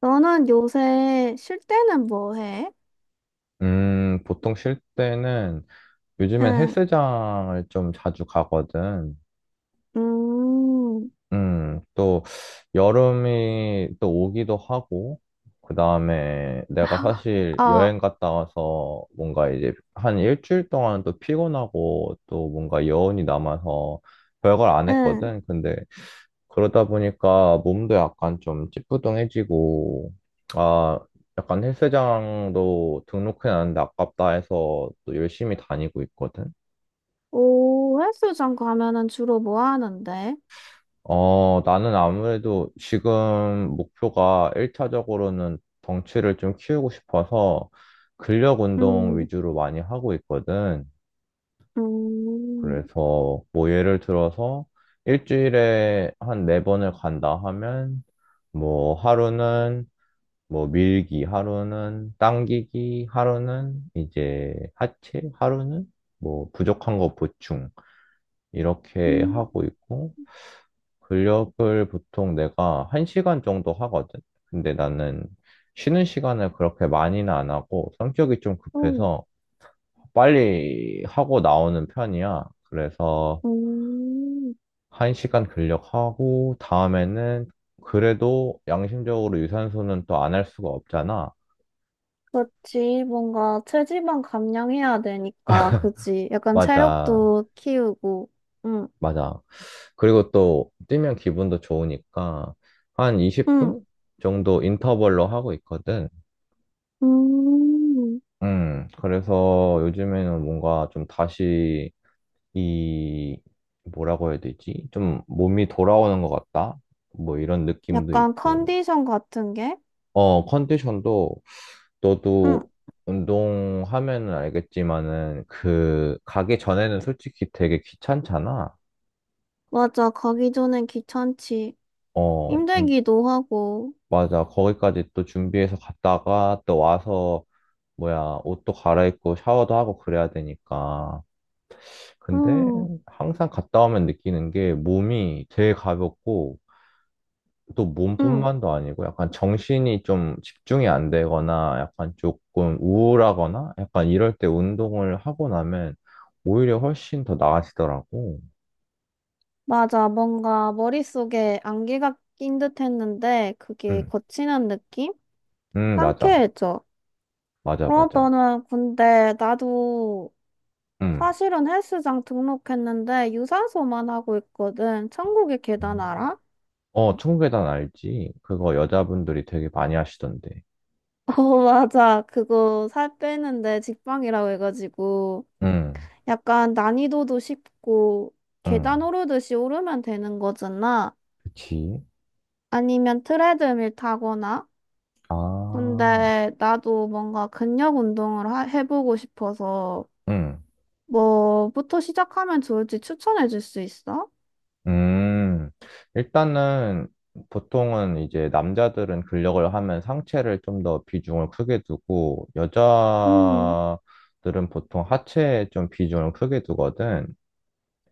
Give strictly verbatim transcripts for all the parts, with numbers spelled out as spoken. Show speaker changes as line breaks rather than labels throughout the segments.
너는 요새 쉴 때는 뭐 해?
음, 보통 쉴 때는 요즘엔
응,
헬스장을 좀 자주 가거든.
음,
음, 또 여름이 또 오기도 하고, 그 다음에 내가 사실
어,
여행 갔다 와서 뭔가 이제 한 일주일 동안 또 피곤하고 또 뭔가 여운이 남아서 별걸 안
응.
했거든. 근데 그러다 보니까 몸도 약간 좀 찌뿌둥해지고, 아, 약간 헬스장도 등록해놨는데 아깝다 해서 또 열심히 다니고 있거든.
오, 헬스장 가면은 주로 뭐 하는데?
어, 나는 아무래도 지금 목표가 일 차적으로는 덩치를 좀 키우고 싶어서 근력 운동
음,
위주로 많이 하고 있거든.
음,
그래서 뭐 예를 들어서 일주일에 한 네 번을 간다 하면 뭐 하루는 뭐 밀기 하루는 당기기 하루는 이제 하체 하루는 뭐 부족한 거 보충 이렇게
음,
하고 있고 근력을 보통 내가 한시간 정도 하거든. 근데 나는 쉬는 시간을 그렇게 많이는 안 하고 성격이 좀
음,
급해서 빨리 하고 나오는 편이야. 그래서
음.
한시간 근력하고 다음에는 그래도 양심적으로 유산소는 또 안 할 수가 없잖아.
그렇지. 뭔가 체지방 감량해야 되니까, 그지? 약간
맞아.
체력도 키우고, 응,
맞아. 그리고 또 뛰면 기분도 좋으니까 한
응,
이십 분 정도 인터벌로 하고 있거든.
음.
음, 그래서 요즘에는 뭔가 좀 다시 이 뭐라고 해야 되지? 좀 몸이 돌아오는 것 같다? 뭐 이런 느낌도
약간
있고.
컨디션 같은 게?
어, 컨디션도
응,
너도 운동하면은 알겠지만은 그 가기 전에는 솔직히 되게 귀찮잖아.
맞아. 가기 전엔 귀찮지.
어, 근-
힘들기도 하고,
맞아. 거기까지 또 준비해서 갔다가 또 와서 뭐야, 옷도 갈아입고 샤워도 하고 그래야 되니까. 근데
음,
항상 갔다 오면 느끼는 게 몸이 되게 가볍고 또
음,
몸뿐만도 아니고 약간 정신이 좀 집중이 안 되거나 약간 조금 우울하거나 약간 이럴 때 운동을 하고 나면 오히려 훨씬 더 나아지더라고.
맞아. 뭔가 머릿속에 안개가 낀 듯 했는데 그게
응,
거친한 느낌?
응, 맞아.
상쾌해져.
맞아,
어,
맞아.
너는 근데 나도
응.
사실은 헬스장 등록했는데 유산소만 하고 있거든. 천국의 계단 알아?
어, 청계단 알지? 그거 여자분들이 되게 많이 하시던데.
어, 맞아. 그거 살 빼는데 직방이라고 해가지고
응,
약간 난이도도 쉽고
응.
계단 오르듯이 오르면 되는 거잖아.
그치?
아니면 트레드밀 타거나
아.
근데 나도 뭔가 근력 운동을 하, 해보고 싶어서
음,
뭐부터 시작하면 좋을지 추천해 줄 수 있어?
음, 일단은 보통은 이제 남자들은 근력을 하면 상체를 좀 더 비중을 크게 두고
음,
여자들은 보통 하체에 좀 비중을 크게 두거든.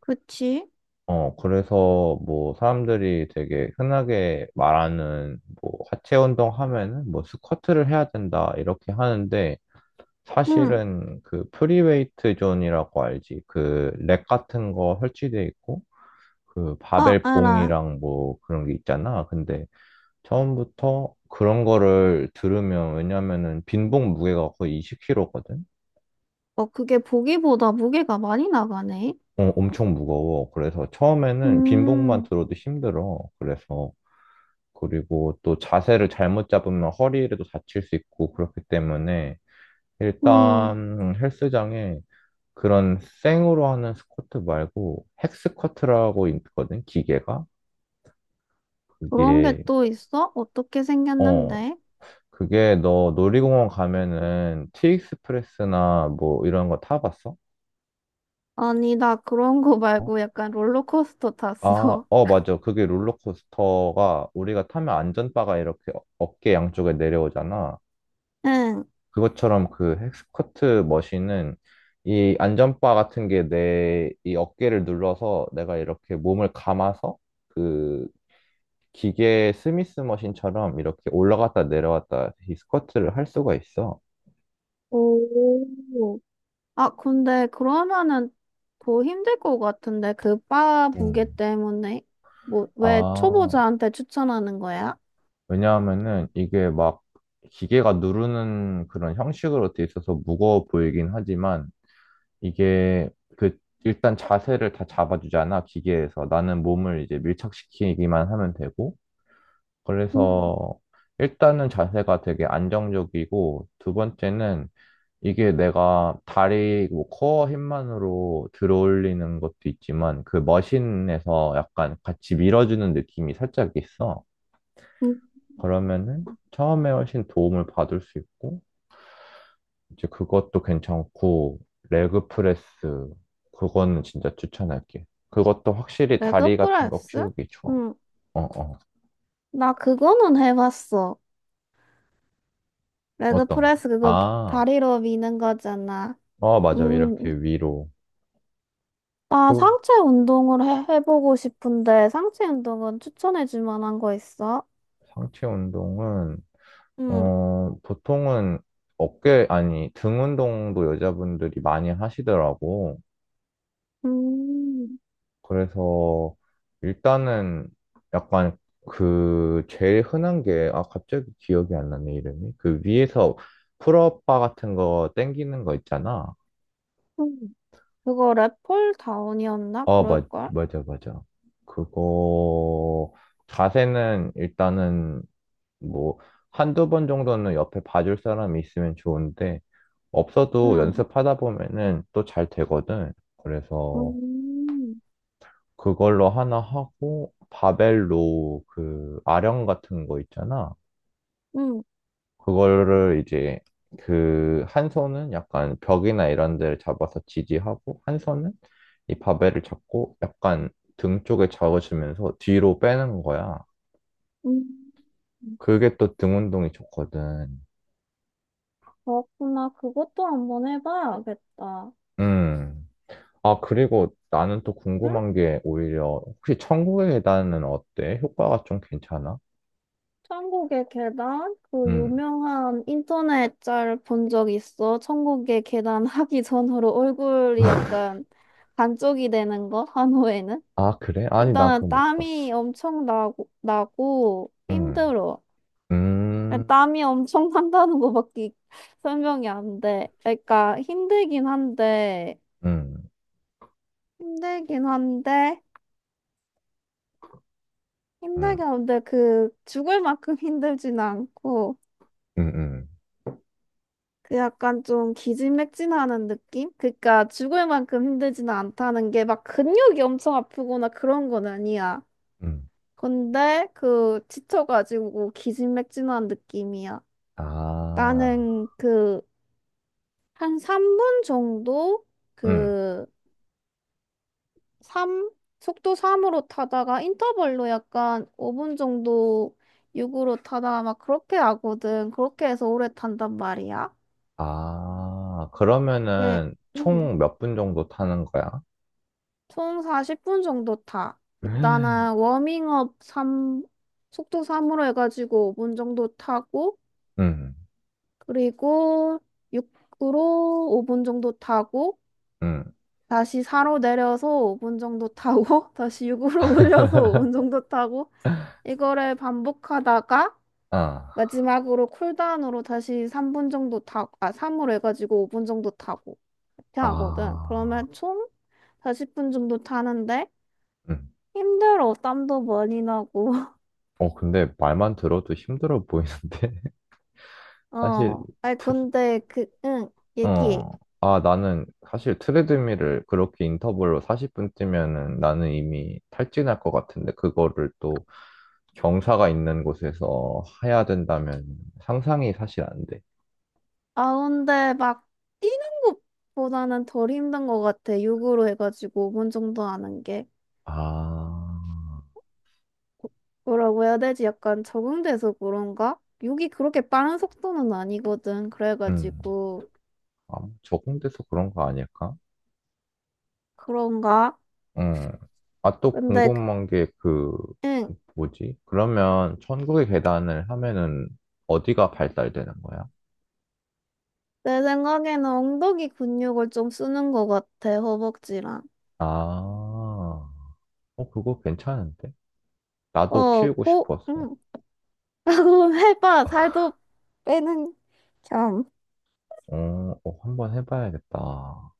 그치?
어, 그래서 뭐 사람들이 되게 흔하게 말하는 뭐 하체 운동 하면은 뭐 스쿼트를 해야 된다 이렇게 하는데
응.
사실은 그 프리웨이트 존이라고 알지? 그 렉 같은 거 설치돼 있고 그
아,
바벨
알아.
봉이랑 뭐 그런 게 있잖아. 근데 처음부터 그런 거를 들으면 왜냐면은 빈봉 무게가 거의 이십 킬로그램이거든.
어, 그게 보기보다 무게가 많이 나가네.
어, 엄청 무거워. 그래서 처음에는 빈봉만
음,
들어도 힘들어. 그래서 그리고 또 자세를 잘못 잡으면 허리에도 다칠 수 있고 그렇기 때문에
음,
일단 헬스장에 그런 생으로 하는 스쿼트 말고 핵스쿼트라고 있거든, 기계가.
그런 게
그게
또 있어? 어떻게
어,
생겼는데?
그게 너 놀이공원 가면은 티익스프레스나 뭐 이런 거 타봤어?
아니, 나 그런 거
어?
말고 약간 롤러코스터
아,
탔어.
어, 맞아. 그게 롤러코스터가 우리가 타면 안전바가 이렇게 어- 어깨 양쪽에 내려오잖아.
응.
그것처럼 그 헥스커트 머신은 이 안전바 같은 게 내 이 어깨를 눌러서 내가 이렇게 몸을 감아서 그 기계 스미스 머신처럼 이렇게 올라갔다 내려왔다 이 스쿼트를 할 수가 있어.
오. 아, 근데 그러면은 더 힘들 것 같은데 그 바 무게
음.
때문에 뭐 왜
아.
초보자한테 추천하는 거야?
왜냐하면은 이게 막 기계가 누르는 그런 형식으로 돼 있어서 무거워 보이긴 하지만 이게 그 일단 자세를 다 잡아주잖아, 기계에서. 나는 몸을 이제 밀착시키기만 하면 되고.
음,
그래서 일단은 자세가 되게 안정적이고 두 번째는 이게 내가 다리 뭐 코어 힘만으로 들어올리는 것도 있지만 그 머신에서 약간 같이 밀어주는 느낌이 살짝 있어.
음.
그러면은 처음에 훨씬 도움을 받을 수 있고, 이제 그것도 괜찮고, 레그 프레스, 그거는 진짜 추천할게. 그것도 확실히 다리
레그
같은 거
프레스?
키우기 좋아.
응,
어, 어.
나 그거는 해봤어. 레그
어떤 거?
프레스 그거
아,
다리로 미는 거잖아.
어, 맞아. 이렇게
음,
위로.
나
또
상체 운동을 해, 해보고 싶은데 상체 운동은 추천해줄 만한 거 있어?
상체 운동은,
응,
어, 보통은 어깨, 아니, 등 운동도 여자분들이 많이 하시더라고.
음,
그래서 일단은 약간 그 제일 흔한 게, 아, 갑자기 기억이 안 나네, 이름이. 그 위에서 풀업바 같은 거 땡기는 거 있잖아.
음. 그거 랩폴 다운이었나?
아, 맞,
그럴걸?
맞아, 맞아. 그거 자세는 일단은 뭐 한두 번 정도는 옆에 봐줄 사람이 있으면 좋은데 없어도
응.
연습하다 보면은 또 잘 되거든. 그래서
음,
그걸로 하나 하고 바벨로 그 아령 같은 거 있잖아.
음,
그거를 이제 그 한 손은 약간 벽이나 이런 데를 잡아서 지지하고 한 손은 이 바벨을 잡고 약간 등 쪽에 잡아주면서 뒤로 빼는 거야.
음.
그게 또 등 운동이 좋거든.
그렇구나. 그것도 한번 해봐야겠다.
음. 아, 그리고 나는 또
응?
궁금한 게 오히려 혹시 천국의 계단은 어때? 효과가 좀 괜찮아?
천국의 계단? 그
음.
유명한 인터넷 짤 본 적 있어? 천국의 계단 하기 전으로 얼굴이 약간 반쪽이 되는 거? 한호에는?
아, 그래? 아니, 난
일단은
그건 못 봤어.
땀이 엄청 나고, 나고
음.
힘들어.
음,
땀이 엄청 난다는 거밖에 설명이 안 돼. 그러니까 힘들긴 한데,
음,
힘들긴 한데, 힘들게
음,
하는데 그 죽을 만큼 힘들진 않고
음, 음,
그 약간 좀 기진맥진하는 느낌? 그러니까 죽을 만큼 힘들지는 않다는 게 막 근육이 엄청 아프거나 그런 건 아니야.
음.
근데 그 지쳐가지고 기진맥진한 느낌이야.
아,
나는 그 한 삼 분 정도
음.
그 삼 속도 삼으로 타다가 인터벌로 약간 오 분 정도 육으로 타다가 막 그렇게 하거든. 그렇게 해서 오래 탄단 말이야.
아,
네,
그러면은
음,
총 몇 분 정도 타는 거야?
총 사십 분 정도 타.
음,
일단은 워밍업 삼 속도 삼으로 해가지고 오 분 정도 타고,
음.
그리고 육으로 오 분 정도 타고,
음.
다시 사로 내려서 오 분 정도 타고, 다시 육으로 올려서 오 분 정도 타고, 이거를 반복하다가,
아,
마지막으로 쿨다운으로 다시 삼 분 정도 타고, 아, 삼으로 해가지고 오 분 정도 타고, 이렇게 하거든.
아,
그러면 총 사십 분 정도 타는데,
음.
힘들어, 땀도 많이 나고.
어, 근데 말만 들어도 힘들어 보이는데? 사실
어. 아니, 근데 그, 응, 얘기해.
어. 아, 나는 사실 트레드밀을 그렇게 인터벌로 사십 분 뛰면은 나는 이미 탈진할 것 같은데 그거를 또 경사가 있는 곳에서 해야 된다면 상상이 사실 안 돼.
아, 근데 막 뛰는 것보다는 덜 힘든 것 같아. 육으로 해가지고 오 분 정도 하는 게.
아,
뭐라고 해야 되지? 약간 적응돼서 그런가? 육이 그렇게 빠른 속도는 아니거든.
음.
그래가지고.
아, 뭐 적응돼서 그런 거 아닐까?
그런가?
음. 아, 또
근데, 그-
궁금한 게 그,
응,
뭐지? 그러면 천국의 계단을 하면은 어디가 발달되는 거야?
내 생각에는 엉덩이 근육을 좀 쓰는 것 같아. 허벅지랑.
아, 어, 그거 괜찮은데? 나도
어,
키우고
코,
싶어서.
응, 하고 해봐. 살도 빼는 겸.
어, 어, 한번 해봐야겠다.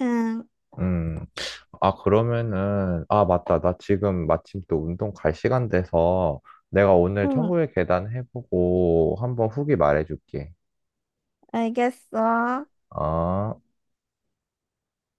응,
음. 아, 그러면은, 아, 맞다. 나 지금 마침 또 운동 갈 시간 돼서 내가 오늘
응,
천국의 계단 해보고 한번 후기 말해줄게.
알겠어.
아.